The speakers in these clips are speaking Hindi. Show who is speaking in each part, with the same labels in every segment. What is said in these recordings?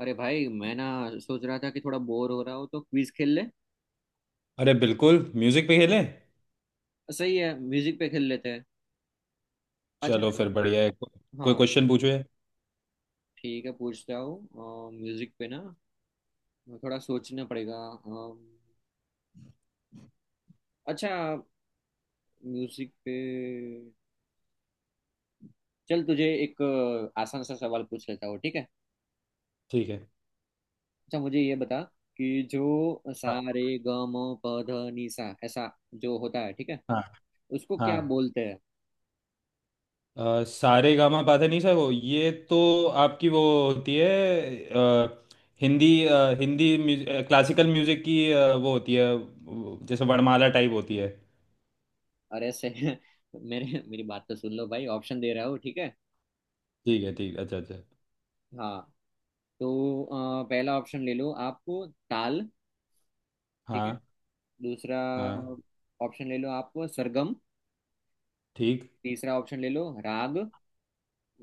Speaker 1: अरे भाई मैं ना सोच रहा था कि थोड़ा बोर हो रहा हो तो क्विज खेल ले।
Speaker 2: अरे बिल्कुल म्यूजिक पे खेलें।
Speaker 1: सही है, म्यूजिक पे खेल लेते हैं। अच्छा।
Speaker 2: चलो फिर बढ़िया है कोई
Speaker 1: हाँ,
Speaker 2: क्वेश्चन पूछो यार।
Speaker 1: ठीक है, पूछता हूँ म्यूजिक पे ना। थोड़ा सोचना पड़ेगा। अम, अच्छा, म्यूजिक पे चल तुझे एक आसान सा सवाल पूछ लेता हूँ, ठीक है।
Speaker 2: ठीक है।
Speaker 1: अच्छा मुझे ये बता कि जो सा
Speaker 2: हाँ
Speaker 1: रे ग म प ध नि सा ऐसा जो होता है, ठीक है,
Speaker 2: हाँ
Speaker 1: उसको क्या
Speaker 2: हाँ।
Speaker 1: बोलते हैं।
Speaker 2: सारे गामा पाधे नहीं सको ये तो आपकी वो होती है। अ, हिंदी हिंदी क्लासिकल म्यूजिक की वो होती है। वो जैसे वर्णमाला टाइप होती है।
Speaker 1: अरे से मेरे मेरी बात तो सुन लो भाई, ऑप्शन दे रहा हूँ ठीक है।
Speaker 2: ठीक है। ठीक। अच्छा अच्छा।
Speaker 1: हाँ, तो पहला ऑप्शन ले लो, आपको ताल। ठीक है।
Speaker 2: हाँ
Speaker 1: दूसरा
Speaker 2: हाँ।
Speaker 1: ऑप्शन ले लो आप, सरगम।
Speaker 2: ठीक।
Speaker 1: तीसरा ऑप्शन ले लो राग।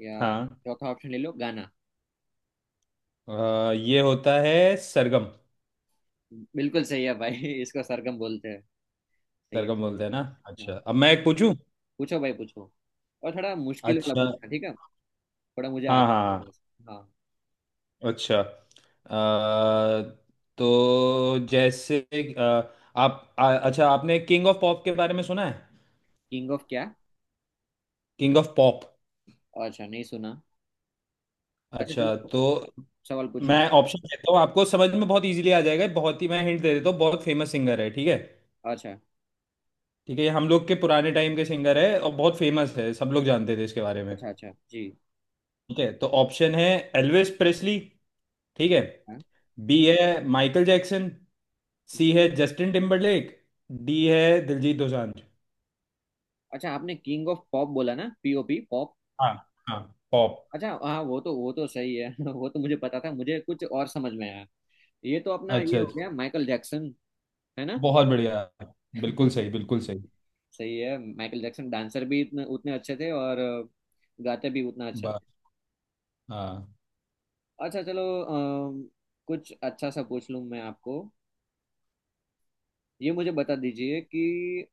Speaker 1: या
Speaker 2: हाँ।
Speaker 1: चौथा ऑप्शन ले लो गाना।
Speaker 2: ये होता है सरगम।
Speaker 1: बिल्कुल सही है भाई इसको सरगम बोलते हैं। सही है।
Speaker 2: सरगम बोलते हैं ना। अच्छा,
Speaker 1: हाँ,
Speaker 2: अब मैं एक पूछूं।
Speaker 1: पूछो भाई पूछो। और थोड़ा मुश्किल वाला
Speaker 2: अच्छा।
Speaker 1: पूछना ठीक है, थोड़ा मुझे
Speaker 2: हाँ
Speaker 1: आता है वो
Speaker 2: हाँ।
Speaker 1: बस। हाँ।
Speaker 2: अच्छा। आ, तो जैसे आ, अच्छा, आपने किंग ऑफ पॉप के बारे में सुना है।
Speaker 1: किंग ऑफ क्या?
Speaker 2: King of pop.
Speaker 1: अच्छा, नहीं सुना। अच्छा
Speaker 2: अच्छा,
Speaker 1: चलो,
Speaker 2: तो
Speaker 1: सवाल पूछ ले।
Speaker 2: मैं ऑप्शन देता हूँ आपको, समझ में बहुत इजीली आ जाएगा। बहुत ही मैं हिंट दे देता हूँ। बहुत फेमस सिंगर है, ठीक है।
Speaker 1: अच्छा।
Speaker 2: ठीक है, ये हम लोग के पुराने टाइम के सिंगर है और बहुत फेमस है, सब लोग जानते थे इसके बारे में।
Speaker 1: अच्छा, अच्छा जी।
Speaker 2: ठीक है, तो ऑप्शन है एल्विस प्रेस्ली। ठीक है।
Speaker 1: हाँ।
Speaker 2: बी है माइकल जैक्सन। सी है जस्टिन टिम्बरलेक। डी है दिलजीत दोसांझ।
Speaker 1: अच्छा आपने किंग ऑफ पॉप बोला ना, पीओपी पॉप।
Speaker 2: हाँ हाँ। पॉप।
Speaker 1: अच्छा हाँ, वो तो सही है वो तो मुझे पता था, मुझे कुछ और समझ में आया। ये तो अपना ये
Speaker 2: अच्छा अच्छा।
Speaker 1: हो गया माइकल जैक्सन, है ना।
Speaker 2: बहुत बढ़िया। बिल्कुल सही, बिल्कुल सही।
Speaker 1: सही है, माइकल जैक्सन डांसर भी इतने उतने अच्छे थे और गाते भी उतना अच्छा
Speaker 2: बा
Speaker 1: थे।
Speaker 2: हाँ
Speaker 1: अच्छा चलो, कुछ अच्छा सा पूछ लूँ मैं आपको। ये मुझे बता दीजिए कि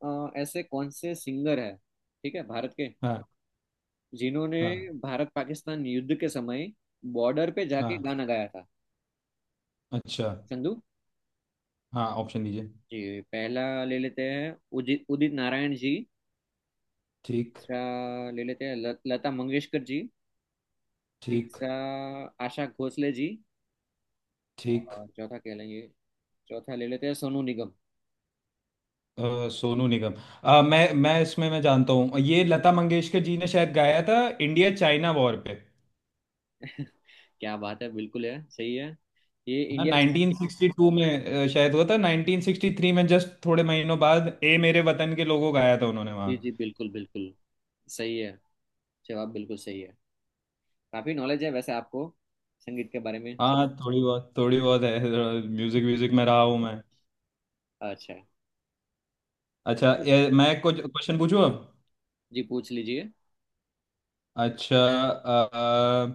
Speaker 1: ऐसे कौन से सिंगर है ठीक है, भारत के,
Speaker 2: हाँ
Speaker 1: जिन्होंने
Speaker 2: हाँ
Speaker 1: भारत पाकिस्तान युद्ध के समय बॉर्डर पे जाके
Speaker 2: हाँ।
Speaker 1: गाना गाया था।
Speaker 2: अच्छा।
Speaker 1: चंदू
Speaker 2: हाँ, ऑप्शन दीजिए।
Speaker 1: जी, पहला ले लेते हैं उदित उदित नारायण जी।
Speaker 2: ठीक।
Speaker 1: तीसरा ले लेते हैं लता मंगेशकर जी।
Speaker 2: ठीक।
Speaker 1: तीसरा आशा भोसले जी।
Speaker 2: ठीक।
Speaker 1: और चौथा कह लेंगे, चौथा ले लेते हैं सोनू निगम।
Speaker 2: सोनू निगम। मैं इसमें मैं जानता हूँ, ये लता मंगेशकर जी ने शायद गाया था इंडिया चाइना वॉर पे।
Speaker 1: क्या बात है, बिल्कुल है, सही है। ये
Speaker 2: है ना,
Speaker 1: इंडिया चाहे।
Speaker 2: 1962 में। शायद हुआ था 1963 में, जस्ट थोड़े महीनों बाद ए मेरे वतन के लोगों गाया था उन्होंने वहाँ।
Speaker 1: जी जी, बिल्कुल बिल्कुल। सही है, जवाब बिल्कुल सही है। काफी नॉलेज है वैसे आपको संगीत के बारे में।
Speaker 2: हाँ, थोड़ी बहुत, थोड़ी बहुत है। म्यूजिक म्यूजिक में रहा हूँ मैं।
Speaker 1: अच्छा।
Speaker 2: अच्छा, ये मैं कुछ क्वेश्चन पूछूं अब।
Speaker 1: जी, पूछ लीजिए।
Speaker 2: अच्छा।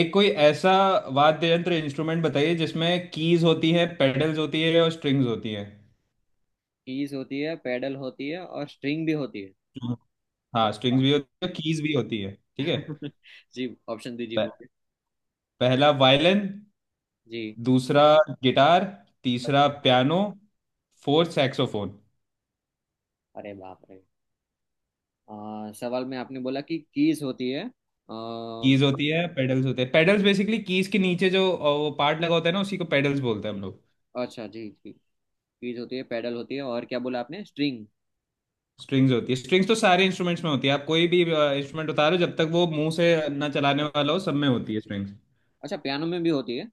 Speaker 2: एक कोई ऐसा वाद्य यंत्र, इंस्ट्रूमेंट बताइए, जिसमें कीज होती है, पेडल्स होती है और स्ट्रिंग्स होती है।
Speaker 1: कीज होती है, पेडल होती है और स्ट्रिंग भी होती है।
Speaker 2: हम्म। हाँ,
Speaker 1: अरे
Speaker 2: स्ट्रिंग्स
Speaker 1: बाप
Speaker 2: भी होती है, कीज भी होती है।
Speaker 1: रे
Speaker 2: ठीक है।
Speaker 1: जी ऑप्शन दीजिए
Speaker 2: प-
Speaker 1: मुझे।
Speaker 2: पहला वायलिन।
Speaker 1: जी।
Speaker 2: दूसरा गिटार। तीसरा पियानो। Fourth saxophone.
Speaker 1: अरे बाप रे, सवाल में आपने बोला कि कीज होती है, आ,
Speaker 2: कीज होती है, पेडल्स होते हैं। पेडल्स बेसिकली कीज के नीचे जो वो पार्ट लगा होता है ना, उसी को पेडल्स बोलते हैं हम लोग।
Speaker 1: अच्छा जी जी, कीज होती है, पेडल होती है और क्या बोला आपने, स्ट्रिंग।
Speaker 2: स्ट्रिंग्स होती है। स्ट्रिंग्स तो सारे इंस्ट्रूमेंट्स में होती है। आप कोई भी इंस्ट्रूमेंट उतारो, जब तक वो मुंह से ना चलाने वाला हो, सब में होती है स्ट्रिंग्स।
Speaker 1: अच्छा, पियानो में भी होती है।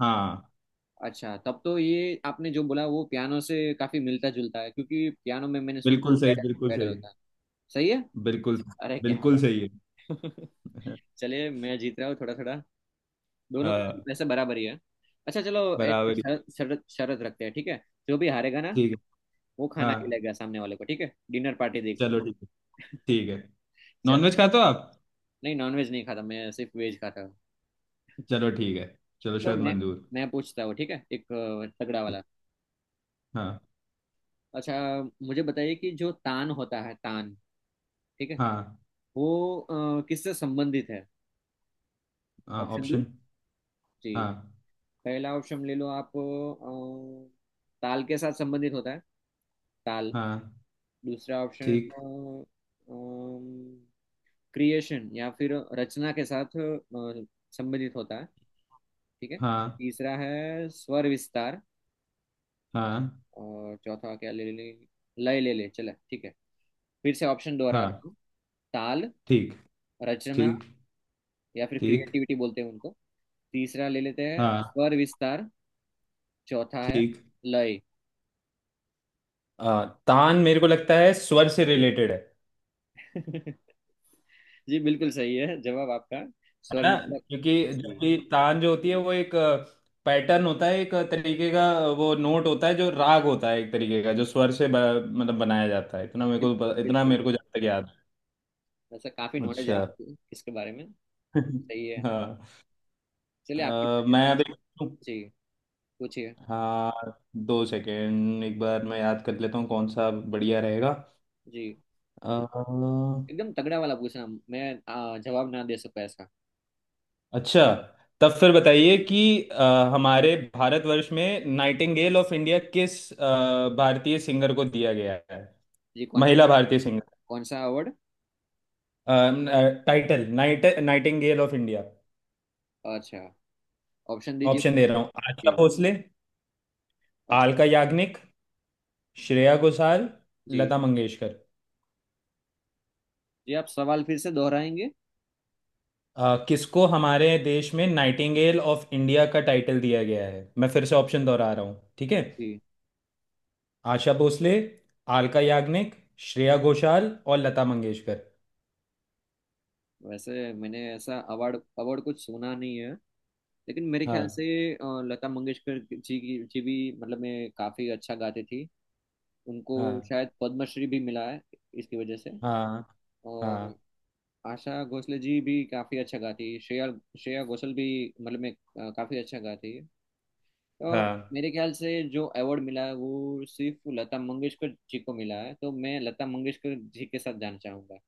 Speaker 2: हाँ,
Speaker 1: अच्छा तब तो ये आपने जो बोला वो पियानो से काफी मिलता जुलता है, क्योंकि पियानो में मैंने सुना
Speaker 2: बिल्कुल सही,
Speaker 1: पेडल
Speaker 2: बिल्कुल
Speaker 1: पेडल
Speaker 2: सही।
Speaker 1: होता है। सही है।
Speaker 2: बिल्कुल,
Speaker 1: अरे क्या
Speaker 2: बिल्कुल
Speaker 1: बात
Speaker 2: सही है।
Speaker 1: चलिए मैं जीत रहा हूँ थोड़ा थोड़ा। दोनों का
Speaker 2: हाँ,
Speaker 1: वैसे बराबर ही है। अच्छा चलो, एक
Speaker 2: बराबर ही
Speaker 1: शरत शरत शरत रखते हैं ठीक है। जो भी हारेगा ना,
Speaker 2: ठीक
Speaker 1: वो
Speaker 2: है।
Speaker 1: खाना
Speaker 2: हाँ,
Speaker 1: खिलाएगा सामने वाले को, ठीक है, डिनर पार्टी देगा।
Speaker 2: चलो ठीक है। ठीक है।
Speaker 1: चलो।
Speaker 2: नॉनवेज खाते हो आप।
Speaker 1: नहीं, नॉनवेज नहीं खाता, मैं सिर्फ वेज खाता हूँ।
Speaker 2: चलो ठीक है। चलो,
Speaker 1: तो
Speaker 2: शायद
Speaker 1: मैं
Speaker 2: मंजूर।
Speaker 1: मैं पूछता हूँ ठीक है, एक तगड़ा
Speaker 2: ठीक।
Speaker 1: वाला।
Speaker 2: हाँ।
Speaker 1: अच्छा, मुझे बताइए कि जो तान होता है, तान, ठीक है,
Speaker 2: हाँ।
Speaker 1: वो किससे संबंधित है।
Speaker 2: हाँ,
Speaker 1: ऑप्शन दो।
Speaker 2: ऑप्शन।
Speaker 1: जी,
Speaker 2: हाँ
Speaker 1: पहला ऑप्शन ले लो आप, ताल के साथ संबंधित होता है, ताल।
Speaker 2: हाँ।
Speaker 1: दूसरा ऑप्शन
Speaker 2: ठीक।
Speaker 1: क्रिएशन या फिर रचना के साथ संबंधित होता है, ठीक है।
Speaker 2: हाँ
Speaker 1: तीसरा है स्वर विस्तार।
Speaker 2: हाँ
Speaker 1: और चौथा क्या ले ले, लय ले ले चला ठीक है। फिर से ऑप्शन दोहरा रहा
Speaker 2: हाँ।
Speaker 1: हूँ। ताल।
Speaker 2: ठीक।
Speaker 1: रचना
Speaker 2: ठीक।
Speaker 1: या फिर
Speaker 2: ठीक।
Speaker 1: क्रिएटिविटी बोलते हैं उनको। तीसरा ले लेते हैं
Speaker 2: हाँ।
Speaker 1: स्वर विस्तार। चौथा है
Speaker 2: ठीक।
Speaker 1: लय।
Speaker 2: तान मेरे को लगता है स्वर से रिलेटेड है।
Speaker 1: जी बिल्कुल सही है जवाब आपका,
Speaker 2: है
Speaker 1: स्वर
Speaker 2: ना।
Speaker 1: विस्तार।
Speaker 2: क्योंकि
Speaker 1: जी,
Speaker 2: जबकि तान जो होती है वो एक पैटर्न होता है एक तरीके का। वो नोट होता है, जो राग होता है एक तरीके का, जो स्वर से मतलब बनाया जाता है। इतना मेरे को इतना
Speaker 1: बिल्कुल।
Speaker 2: मेरे को जहाँ तक याद
Speaker 1: ऐसा काफी
Speaker 2: है।
Speaker 1: नॉलेज है
Speaker 2: अच्छा।
Speaker 1: आपको इसके बारे में। सही है। चलिए आपकी
Speaker 2: हाँ।
Speaker 1: बारी
Speaker 2: मैं
Speaker 1: है।
Speaker 2: अभी।
Speaker 1: जी, पूछिए।
Speaker 2: हाँ, दो सेकेंड, एक बार मैं याद कर लेता हूँ कौन सा बढ़िया रहेगा।
Speaker 1: जी,
Speaker 2: अ,
Speaker 1: एकदम तगड़ा वाला पूछना, मैं जवाब ना दे सकूं ऐसा।
Speaker 2: अच्छा, तब फिर बताइए कि हमारे भारतवर्ष में नाइटिंगेल ऑफ इंडिया किस भारतीय सिंगर को दिया गया है।
Speaker 1: जी, कौन
Speaker 2: महिला
Speaker 1: सा?
Speaker 2: भारतीय
Speaker 1: कौन सा award?
Speaker 2: Singer, title, Nightingale of India.
Speaker 1: अच्छा, ऑप्शन दीजिए
Speaker 2: ऑप्शन दे
Speaker 1: मुझे।
Speaker 2: रहा हूँ, आशा
Speaker 1: जी।
Speaker 2: भोसले।
Speaker 1: अच्छा।
Speaker 2: आलका याग्निक। श्रेया घोषाल।
Speaker 1: जी
Speaker 2: लता मंगेशकर।
Speaker 1: जी। आप सवाल फिर से दोहराएंगे?
Speaker 2: किसको हमारे देश में नाइटिंगेल ऑफ इंडिया का टाइटल दिया गया है, मैं फिर से ऑप्शन दोहरा रहा हूँ, ठीक है।
Speaker 1: जी,
Speaker 2: आशा भोसले। आलका याग्निक। श्रेया घोषाल और लता मंगेशकर।
Speaker 1: वैसे मैंने ऐसा अवार्ड अवार्ड कुछ सुना नहीं है, लेकिन मेरे ख्याल
Speaker 2: हाँ
Speaker 1: से लता मंगेशकर जी की जी भी, मतलब मैं काफी अच्छा गाती थी उनको,
Speaker 2: हाँ
Speaker 1: शायद पद्मश्री भी मिला है इसकी वजह से।
Speaker 2: हाँ हाँ
Speaker 1: और आशा भोसले जी भी काफी अच्छा गाती है, श्रेया श्रेया घोषाल भी मतलब मैं काफी अच्छा गाती है। अ,
Speaker 2: हाँ।
Speaker 1: मेरे ख्याल से जो अवार्ड मिला है वो सिर्फ लता मंगेशकर जी को मिला है, तो मैं लता मंगेशकर जी के साथ जाना चाहूंगा।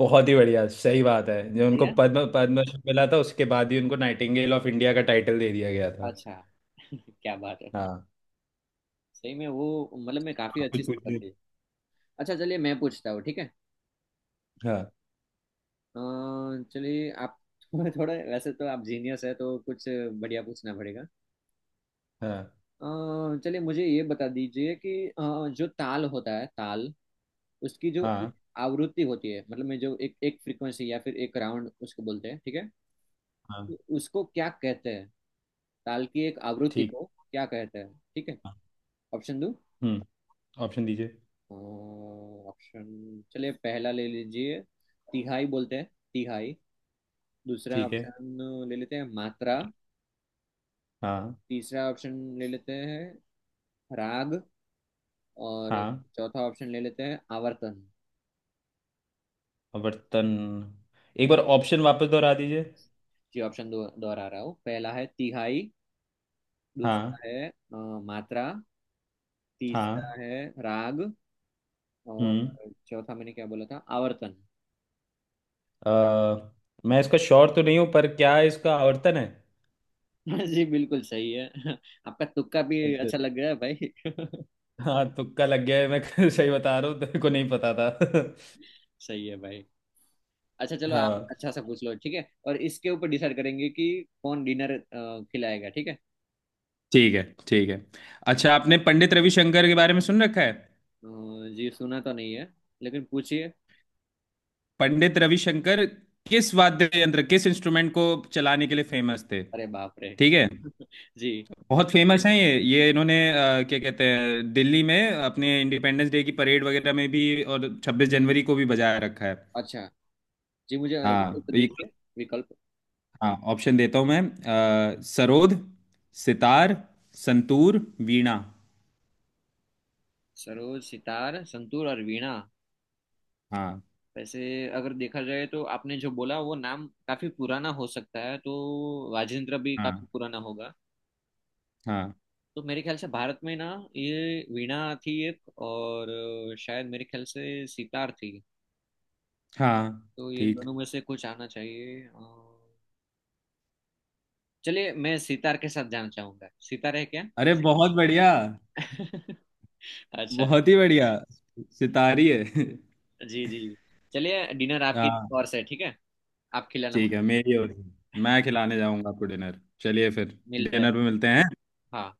Speaker 2: बहुत ही बढ़िया, सही बात है। जो
Speaker 1: सही
Speaker 2: उनको
Speaker 1: है।
Speaker 2: पद्मश्री मिला था, उसके बाद ही उनको नाइटिंगेल ऑफ इंडिया का टाइटल दे दिया गया था।
Speaker 1: अच्छा क्या बात है,
Speaker 2: हाँ।
Speaker 1: सही में वो, मतलब मैं काफी
Speaker 2: आप
Speaker 1: अच्छी
Speaker 2: कुछ
Speaker 1: सिंगर
Speaker 2: पूछिए।
Speaker 1: थी। अच्छा चलिए मैं पूछता हूँ ठीक है।
Speaker 2: हाँ
Speaker 1: अ, चलिए आप थोड़ा, वैसे तो आप जीनियस है तो कुछ बढ़िया पूछना पड़ेगा।
Speaker 2: हाँ
Speaker 1: चलिए मुझे ये बता दीजिए कि जो ताल होता है, ताल, उसकी जो एक
Speaker 2: हाँ
Speaker 1: आवृत्ति होती है, मतलब में जो एक एक फ्रीक्वेंसी या फिर एक राउंड उसको बोलते हैं ठीक है,
Speaker 2: हाँ।
Speaker 1: उसको क्या कहते हैं, ताल की एक आवृत्ति
Speaker 2: ठीक।
Speaker 1: को क्या कहते हैं, ठीक है।
Speaker 2: हाँ।
Speaker 1: ऑप्शन दो।
Speaker 2: हम्म। ऑप्शन दीजिए।
Speaker 1: ऑप्शन, चलिए पहला ले लीजिए, तिहाई बोलते हैं, तिहाई। दूसरा
Speaker 2: ठीक है।
Speaker 1: ऑप्शन ले लेते हैं, मात्रा।
Speaker 2: हाँ
Speaker 1: तीसरा ऑप्शन ले लेते हैं, राग। और
Speaker 2: हाँ।
Speaker 1: चौथा ऑप्शन ले लेते हैं, आवर्तन।
Speaker 2: वर्तन। एक बार ऑप्शन वापस दोहरा दीजिए।
Speaker 1: जी ऑप्शन दो, दोहरा रहा हूँ। पहला है तिहाई।
Speaker 2: हाँ
Speaker 1: दूसरा है मात्रा। तीसरा
Speaker 2: हाँ।
Speaker 1: है राग।
Speaker 2: हम्म।
Speaker 1: और चौथा मैंने क्या बोला था, आवर्तन।
Speaker 2: अ, मैं इसका श्योर तो नहीं हूँ, पर क्या इसका आवर्तन है।
Speaker 1: जी बिल्कुल सही है। आपका तुक्का भी
Speaker 2: अच्छा।
Speaker 1: अच्छा लग रहा है भाई।
Speaker 2: हाँ, तुक्का लग गया है मैं सही बता रहा हूँ, तेरे को नहीं पता था।
Speaker 1: सही है भाई। अच्छा चलो, आप
Speaker 2: हाँ,
Speaker 1: अच्छा सा पूछ लो ठीक है, और इसके ऊपर डिसाइड करेंगे कि कौन डिनर खिलाएगा ठीक है।
Speaker 2: ठीक है। ठीक है। अच्छा, आपने पंडित रविशंकर के बारे में सुन रखा है।
Speaker 1: अ, जी, सुना तो नहीं है, लेकिन पूछिए।
Speaker 2: पंडित रविशंकर किस वाद्य यंत्र, किस इंस्ट्रूमेंट को चलाने के लिए फेमस थे।
Speaker 1: अरे बाप रे
Speaker 2: ठीक है।
Speaker 1: जी।
Speaker 2: बहुत फेमस हैं ये, इन्होंने क्या कहते हैं, दिल्ली में अपने इंडिपेंडेंस डे की परेड वगैरह में भी और 26 जनवरी को भी बजाया रखा है।
Speaker 1: अच्छा, जी मुझे
Speaker 2: हाँ,
Speaker 1: विकल्प
Speaker 2: ये।
Speaker 1: दीजिए, विकल्प।
Speaker 2: हाँ, ऑप्शन देता हूँ मैं। सरोद। सितार। संतूर। वीणा।
Speaker 1: सरोज, सितार, संतूर और वीणा।
Speaker 2: हाँ
Speaker 1: वैसे अगर देखा जाए तो आपने जो बोला वो नाम काफी पुराना हो सकता है, तो राजेंद्र भी काफी
Speaker 2: हाँ
Speaker 1: पुराना होगा।
Speaker 2: हाँ
Speaker 1: तो मेरे ख्याल से भारत में ना ये वीणा थी एक, और शायद मेरे ख्याल से सितार थी।
Speaker 2: हाँ।
Speaker 1: तो ये
Speaker 2: ठीक।
Speaker 1: दोनों में से कुछ आना चाहिए। चलिए मैं सितार के साथ जाना चाहूंगा, सितार है क्या?
Speaker 2: अरे, बहुत बढ़िया।
Speaker 1: अच्छा।
Speaker 2: बहुत ही बढ़िया। सितारी है।
Speaker 1: जी जी, चलिए डिनर आपकी
Speaker 2: हाँ,
Speaker 1: और से ठीक है, आप खिलाना
Speaker 2: ठीक
Speaker 1: मुझे।
Speaker 2: है। मेरी हो रही है। मैं खिलाने जाऊंगा आपको डिनर। चलिए फिर,
Speaker 1: मिलते हैं।
Speaker 2: डिनर पे मिलते हैं।
Speaker 1: हाँ।